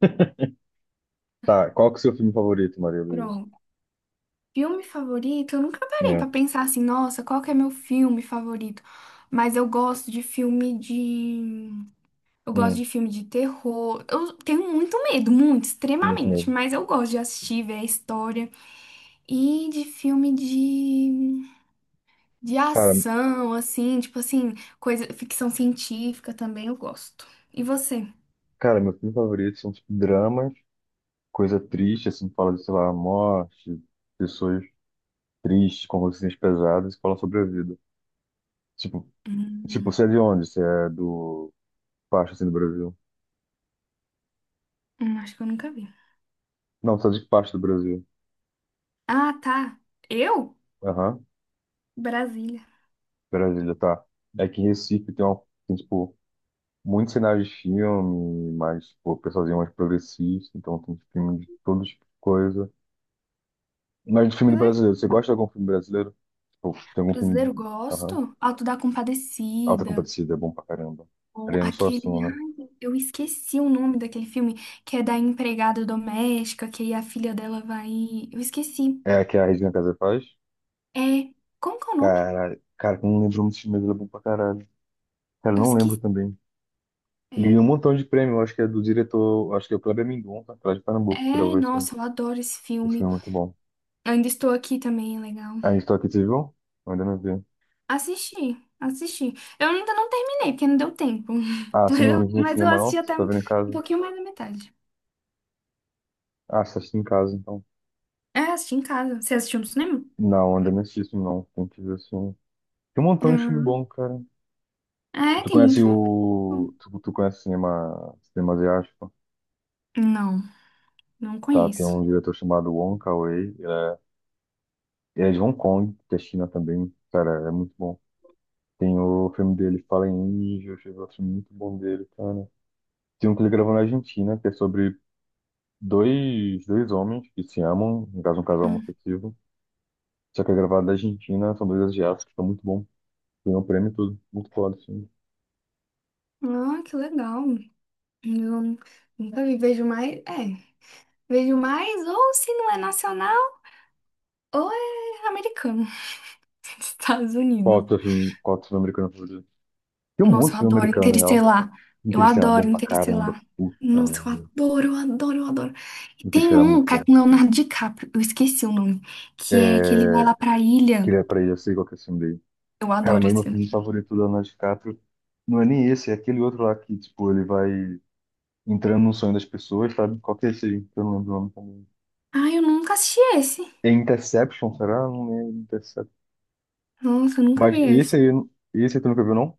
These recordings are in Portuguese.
Tá, qual que é o seu filme favorito, Maria Luísa? Pronto. Filme favorito? Eu nunca parei É, pra pensar, assim, nossa, qual que é meu filme favorito? Mas eu gosto de filme de. Eu gosto hum, de filme de terror. Eu tenho muito medo, muito, muito extremamente. mesmo. Mas eu gosto de assistir, ver a história. E de filme de. De Cara, ação, assim, tipo assim, coisa, ficção científica também eu gosto. E você? cara, meu filme favorito são tipo, dramas, coisa triste, assim, que fala de, sei lá, morte, pessoas tristes, com consciências pesadas, que fala sobre a vida. Tipo, Hum, você é de onde? Você é do parte, assim, do Brasil? Acho que eu nunca vi. Não, você é de que parte do Brasil? Ah, tá. Eu? Aham, Brasília. Brasília, tá. É que em Recife tem, tipo, muitos sinais de filme, mas, tipo, o pessoalzinho é mais progressista, então tem tipo, filme de todo tipo de coisa. Mas do filme Que brasileiro, você gosta de algum filme brasileiro? Tipo, tem algum filme. brasileiro, Aham. gosto. Alto da Alta Compadecida. Compadecida é bom pra caramba. Ou Ariano aquele. Suassuna, né? Ai, eu esqueci o nome daquele filme, que é da empregada doméstica, que aí a filha dela vai. Eu esqueci. É a que a Regina Casé faz? É. Como que é o nome? Cara, cara, eu não lembro muito de mas é bom pra caralho. Cara, eu Eu não lembro esqueci. também. Ele É, ganhou um montão de prêmio, acho que é do diretor, acho que é o Kleber Mendonça, tá lá de Pernambuco, que é, gravou esse, nossa, eu adoro esse esse filme. filme é muito bom. Eu Ainda estou aqui também, é legal. A estou aqui, você viu? Eu ainda não vi. Assisti, assisti. Eu ainda não terminei, porque não deu tempo. Ah, Mas você não eu, viu no mas eu cinema, assisti não? Você até tá um vendo em casa? pouquinho mais da metade. Ah, você assiste em casa, então. É, assisti em casa. Você assistiu no cinema? Não, ainda não assisti isso, não. Tem que ver assim. Tem um montão de filme bom, Uhum. cara. É, Tu tem conhece muito filme. Bom. o. Tu conhese cinema, cinema asiático? Não. Não Tá, tem conheço. um diretor chamado Wong Kar-wai. Ele é de Hong Kong, que é China também. Cara, é muito bom. Tem o filme dele, Fallen Angels, eu gosto muito bom dele, cara. Tem um que ele gravou na Argentina, que é sobre dois homens que se amam, no caso, um casal Hum. homoafetivo. Só que é gravado na Argentina, são dois asiáticos, tá muito bom. Ganhou um prêmio e tudo. Muito foda, assim. Ah, que legal. Eu nunca vi. Vejo mais. É, vejo mais, ou se não é nacional, ou é americano. Estados Qual o Unidos. teu filme, qual o teu filme americano favorito? Tem um monte Nossa, de eu filme adoro americano, né? Interestelar. Eu Interestelar é bom adoro pra caramba. Interestelar. Puta Nossa, eu merda. adoro, eu adoro, eu adoro. E tem Interestelar é muito um cara bom. com Leonardo DiCaprio, eu esqueci o nome, que é que ele vai É... lá pra ilha. Queria pra ele, eu sei qual que é o filme dele. Eu Cara, adoro mas esse meu filme. filme favorito do Leonardo DiCaprio não é nem esse, é aquele outro lá que, tipo, ele vai entrando no sonho das pessoas, sabe? Qual que é esse aí? Que eu não lembro o nome também. Ai, eu nunca assisti esse. É Interception, será? Não é Interception. Nossa, eu nunca Mas vi esse. Esse aí tu nunca viu, não?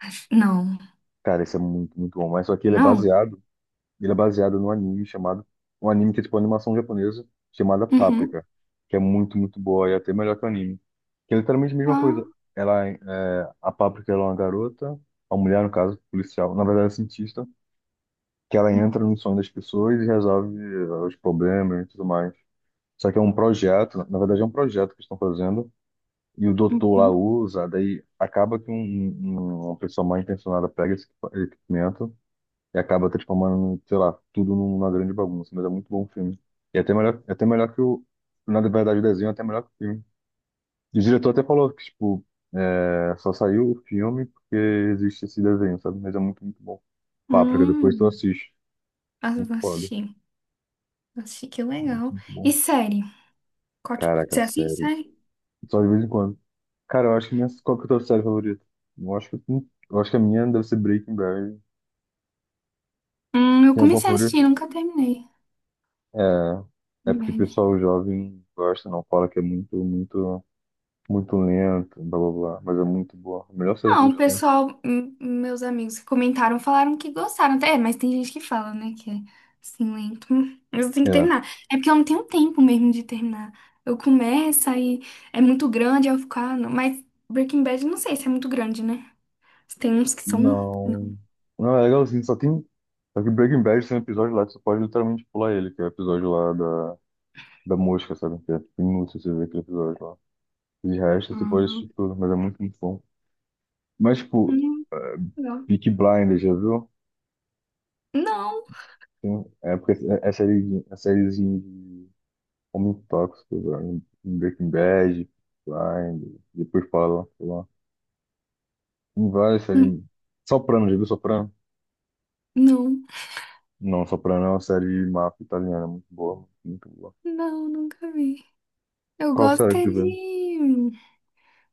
Não, Cara, esse é muito, muito bom. Mas só que ele é não. baseado Ele é baseado num anime chamado. Um anime que é tipo uma animação japonesa chamada Uhum. Paprika, que é muito, muito boa e é até melhor que o anime. Que é literalmente a mesma Ah. coisa. Ela, a Paprika ela é uma garota, uma mulher, no caso, policial, na verdade, é cientista, que ela entra no sonho das pessoas e resolve os problemas e tudo mais. Só que é um projeto, na verdade, é um projeto que estão fazendo, e o doutor lá Uhum. usa, daí acaba que uma pessoa mal intencionada pega esse equipamento e acaba transformando, sei lá, tudo numa grande bagunça. Mas é muito bom o filme. E até melhor, é até melhor que o. Na verdade, o desenho é até melhor que o filme. E o diretor até falou que, tipo, é, só saiu o filme porque existe esse desenho, sabe? Mas é muito, muito bom. Páprica, depois tu Hum. assiste. Ah, eu Muito vou foda. assistir. Vou assistir, que Muito, legal. muito E bom. série? Caraca, Você assiste série. série? Só de vez em quando. Cara, eu acho que minha. Qual que é a tua série favorita? Eu acho que a minha deve ser Breaking Bad. Eu Tem alguma comecei a favorita? assistir, nunca terminei. É. É porque o Bad. pessoal jovem gosta, não fala que é muito, muito. Muito lenta, blá blá blá, mas é muito boa. A melhor série Não, o dos tempos. pessoal, meus amigos que comentaram, falaram que gostaram até. É, mas tem gente que fala, né, que é assim, lento. Mas eu tenho que É. terminar. É porque eu não tenho tempo mesmo de terminar. Eu começo, aí é muito grande, aí eu fico, ah, não. Mas Breaking Bad, não sei se é muito grande, né? Tem uns que são... Não. Não. Não, é legalzinho, só tem. Só que Breaking Bad tem um episódio lá que você pode literalmente pular ele, que é o episódio lá da, mosca, sabe? Que é tipo, inútil você ver aquele episódio lá. De resto, você pode assistir Ah, tudo, mas é muito, muito bom. Mas, tipo, hum, uh, legal. Peaky Blinders, já viu? Não. Tem, um, é porque é série, é sériezinha de Homem Tóxico, velho. Breaking Bad, Blinders, depois fala lá. Tem várias séries. Hum, Soprano, já viu Soprano? não. Não, Soprano é uma série de máfia italiana, muito boa, muito boa. Não, nunca vi. Eu Qual gosto série que é tu vê? de...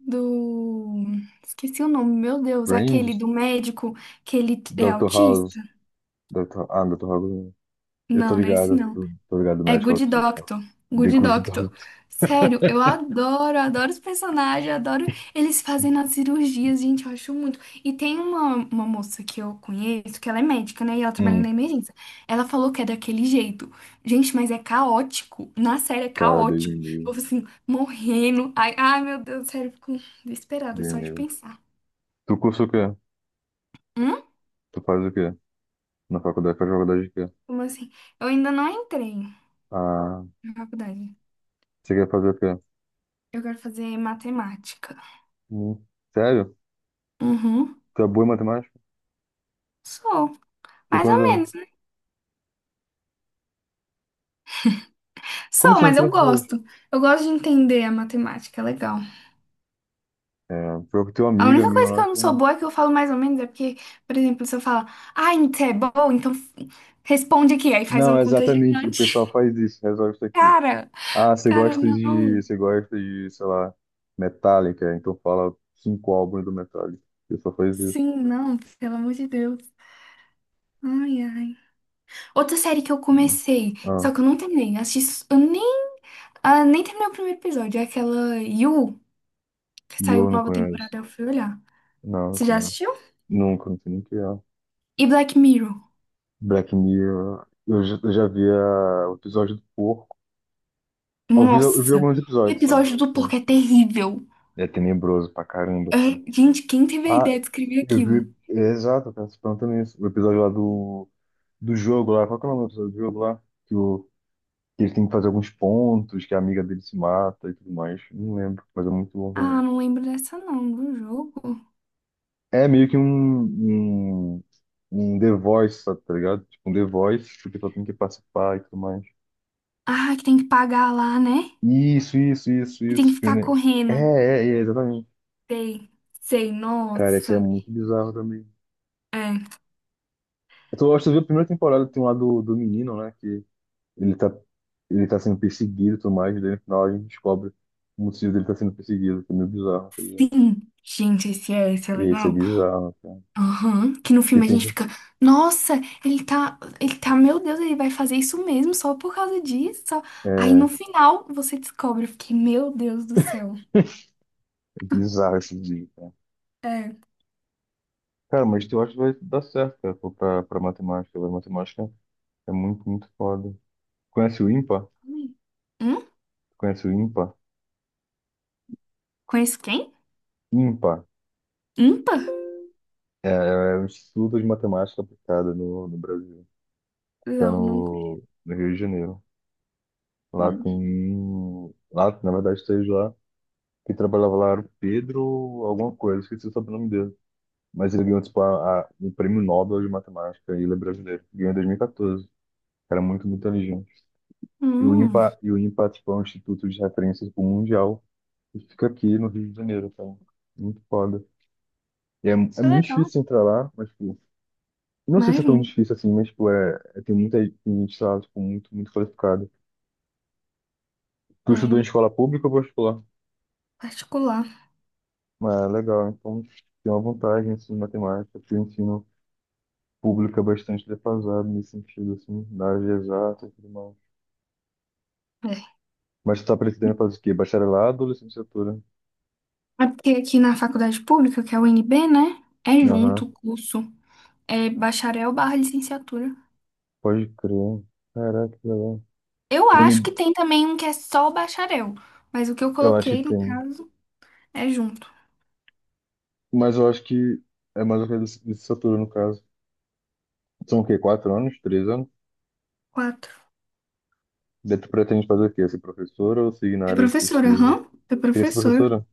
Do... Esqueci o nome, meu Deus. Aquele Friends? do médico que ele é Doctor autista? House? Doctor Ah, Dr. House. Eu tô Não, não é esse ligado, não. tô ligado, É médico Good autista. Doctor. The Good Good Doctor. Doctor. Sério, eu adoro, adoro os personagens, adoro eles fazendo as cirurgias, gente, eu acho muito. E tem uma moça que eu conheço, que ela é médica, né? E ela trabalha na Hum, emergência. Ela falou que é daquele jeito. Gente, mas é caótico. Na série é cara, Deus me caótico. Eu livre, fico assim, morrendo. Ai, ai, meu Deus, sério, eu fico desesperada Deus só me de livre. pensar. Tu cursa o quê? Hum? Tu faz o quê? Na faculdade, faz faculdade de quê? Como assim? Eu ainda não entrei Ah, na faculdade. você quer fazer o quê? Eu quero fazer matemática. Hum, sério? Uhum. Tu é boa em matemática? Sou. Tem Mais ou quantos anos? menos. Como Sou, você não mas entrou eu na faculdade? gosto. Eu gosto de entender a matemática, é legal. É, foi com teu A amiga, única minha, coisa que lá. eu não sou boa é que eu falo mais ou menos é porque, por exemplo, se eu falar, ah, você é bom, então responde aqui, aí faz uma Não, conta exatamente. O pessoal gigante. faz isso, resolve isso aqui. Cara, Ah, você cara, gosta de, não. você gosta de, sei lá, Metallica, então fala cinco álbuns do Metallica. O pessoal faz isso. Sim, não, pelo amor de Deus. Ai, ai. Outra série que eu comecei, Ah, só que eu não terminei. Assisti, s- eu nem, ah, nem terminei o primeiro episódio. É aquela You, que saiu Yo não nova conheço. temporada, eu fui olhar. Não, não Você já conheço. assistiu? Nunca, não sei nem o que é. E Black Mirror. Black Mirror. Eu já vi o episódio do porco. Eu vi Nossa, alguns o episódios só. episódio do Então, porco é terrível. é tenebroso pra caramba, É, assim. gente, quem teve a Ah, ideia de escrever eu aquilo? vi. É, exato, eu tava se perguntando isso. O episódio lá do, do jogo lá. Qual que é o nome do episódio do jogo lá? Que ele tem que fazer alguns pontos, que a amiga dele se mata e tudo mais. Não lembro, mas é muito bom Ah, também. não lembro dessa não, do jogo. É meio que um, um The Voice, sabe, tá ligado? Tipo, um The Voice, porque só tem que participar e tudo mais. Ah, que tem que pagar lá, né? Isso, isso, isso, Que tem que isso. Que o ficar É, correndo. é, é, exatamente. Sei, sei, Cara, esse é nossa. muito bizarro também. É, Eu acho que eu vi a primeira temporada, tem lá do menino, né? Que ele tá, ele tá sendo perseguido e tudo mais, e daí no final a gente descobre o motivo dele tá sendo perseguido, que é meio bizarro, tá ligado? sim. Gente, esse é E esse é legal. bizarro, cara. Aham, que no E filme a tem gente que. fica, nossa, ele tá, meu Deus, ele vai fazer isso mesmo só por causa disso só. Aí É. no final você descobre, eu fiquei, meu Deus do céu. É bizarro esse dia, cara. É. Cara, mas eu acho que vai dar certo, cara, pô, pra matemática. Vai matemática é muito, muito foda. Conhece o IMPA? Hum? Conhece o IMPA? Conheço quem? IMPA Umpa? é o Instituto de Matemática Aplicada no Brasil. Fica Não, não conheço. no Rio de Janeiro. Lá Hum. tem... Lá, na verdade, esteve lá. Que trabalhava lá era o Pedro alguma coisa. Esqueci o sobrenome dele. Mas ele ganhou, tipo, o Prêmio Nobel de Matemática. E ele é brasileiro. Ganhou em 2014. Era muito, muito inteligente. E o Hum, IMPA, e o IMPA, tipo, é um instituto de referência tipo, mundial e fica aqui no Rio de Janeiro, cara. Muito foda. E é que muito legal. difícil entrar lá, mas, tipo, não sei se é tão Imagino. difícil assim, mas, tipo, é, é- tem muita gente lá, tipo, muito, muito qualificada. Tu É, estudou em escola pública ou particular? particular. Mas é legal, então tem uma vantagem, assim, em matemática, porque o ensino público é bastante defasado nesse sentido, assim, na área de exatas e tudo mais. É. Mas tu tá pretendendo fazer o quê? Bacharelado ou licenciatura? É porque aqui na faculdade pública, que é a UNB, né? É Aham, junto o curso. É bacharel barra licenciatura. pode crer. Caraca, que legal. Eu acho que tem também um que é só o bacharel. Mas o que eu Eu acho que coloquei, no tem. caso, é junto. Mas eu acho que é mais ou menos de licenciatura, no caso. São o quê? 4 anos? 3 anos? Quatro. Daí tu pretende fazer o quê? Ser professora ou seguir na É área de professora, pesquisa? aham. É Seria ser professor. professora?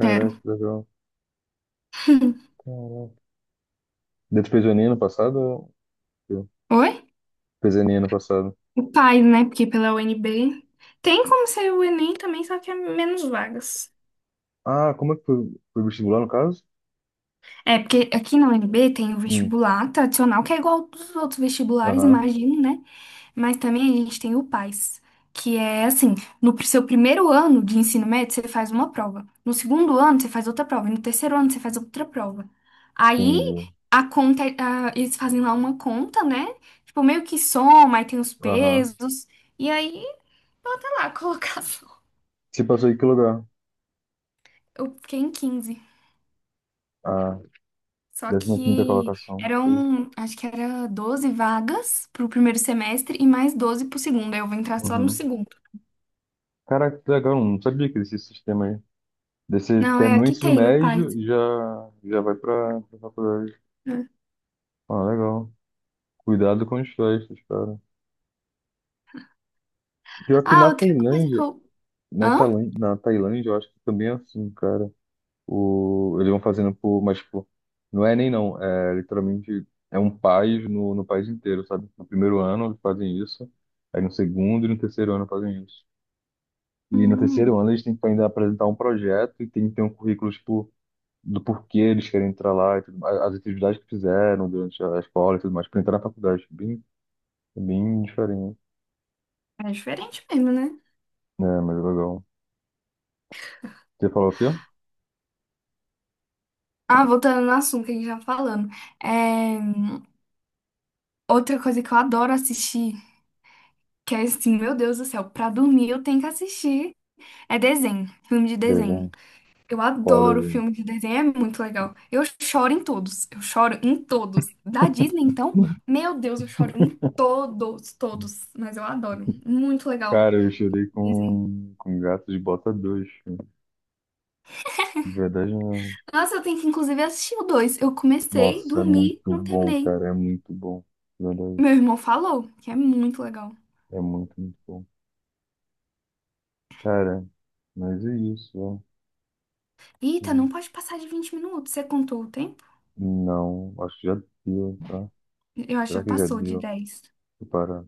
Quero. que legal. Caraca. Daí tu fez o Enem ano passado? Eu. Oi? Fez o Enem ano passado. O pai, né? Porque pela UNB. Tem como ser o Enem também, só que é menos vagas. Ah, como é que foi? Foi vestibular, no caso? É, porque aqui na UNB tem o Hum. vestibular tradicional, que é igual dos outros vestibulares, Aham, imagino, né? Mas também a gente tem o PAS, que é assim, no seu primeiro ano de ensino médio, você faz uma prova. No segundo ano, você faz outra prova. E no terceiro ano, você faz outra prova. Aí, entendi. a conta, eles fazem lá uma conta, né? Tipo, meio que soma, aí tem os Aham. pesos. E aí, bota lá a colocação. Você passou em que lugar? Eu fiquei em 15. Ah, Só 15ª que colocação. Foi. eram, acho que era 12 vagas pro primeiro semestre e mais 12 pro segundo. Aí eu vou entrar só no Uhum. segundo. Caraca, que legal. Não sabia que existia esse sistema aí. Daí você Não, é terminou o aqui ensino tem, no médio Python. e já vai pra faculdade. Né? Ah, legal. Cuidado com as festas, cara. Pior que Ah, na outra coisa que Tailândia, eu. na Hã? Tailândia, na Tailândia, eu acho que também é assim, cara. O, eles vão fazendo por, mas tipo, não é nem não, é literalmente é um país país inteiro, sabe? No primeiro ano eles fazem isso, aí no segundo e no terceiro ano fazem isso. E no Hum, terceiro ano eles têm que ainda apresentar um projeto e tem que ter um currículo, tipo, do porquê eles querem entrar lá e tudo mais, as atividades que fizeram durante a escola e tudo mais, para entrar na faculdade, bem, bem diferente, é diferente mesmo, né? né? Mas é legal. Você falou o quê? Ah, voltando no assunto que a gente tava falando. É, outra coisa que eu adoro assistir, que é assim, meu Deus do céu, pra dormir eu tenho que assistir, é desenho, filme de desenho. Desenho. Eu Qual adoro desenho? filme de desenho, é muito legal. Eu choro em todos, eu choro em todos. Da Disney, então, Hum. meu Deus, eu choro em todos, todos. Mas eu adoro, muito legal Cara, eu chorei o desenho. com Gato de Bota 2 cara. De verdade mesmo. Nossa, eu tenho que inclusive assistir o dois. Eu comecei, Nossa, é dormi, muito não bom, terminei. cara, é muito bom, de verdade, Meu irmão falou que é muito legal. é muito, muito bom. Cara, mas é isso, ó. Eita, Hum. não pode passar de 20 minutos. Você contou o tempo? Não, acho que já deu, tá? Eu acho que Será já que já passou de deu? 10. Vou parar.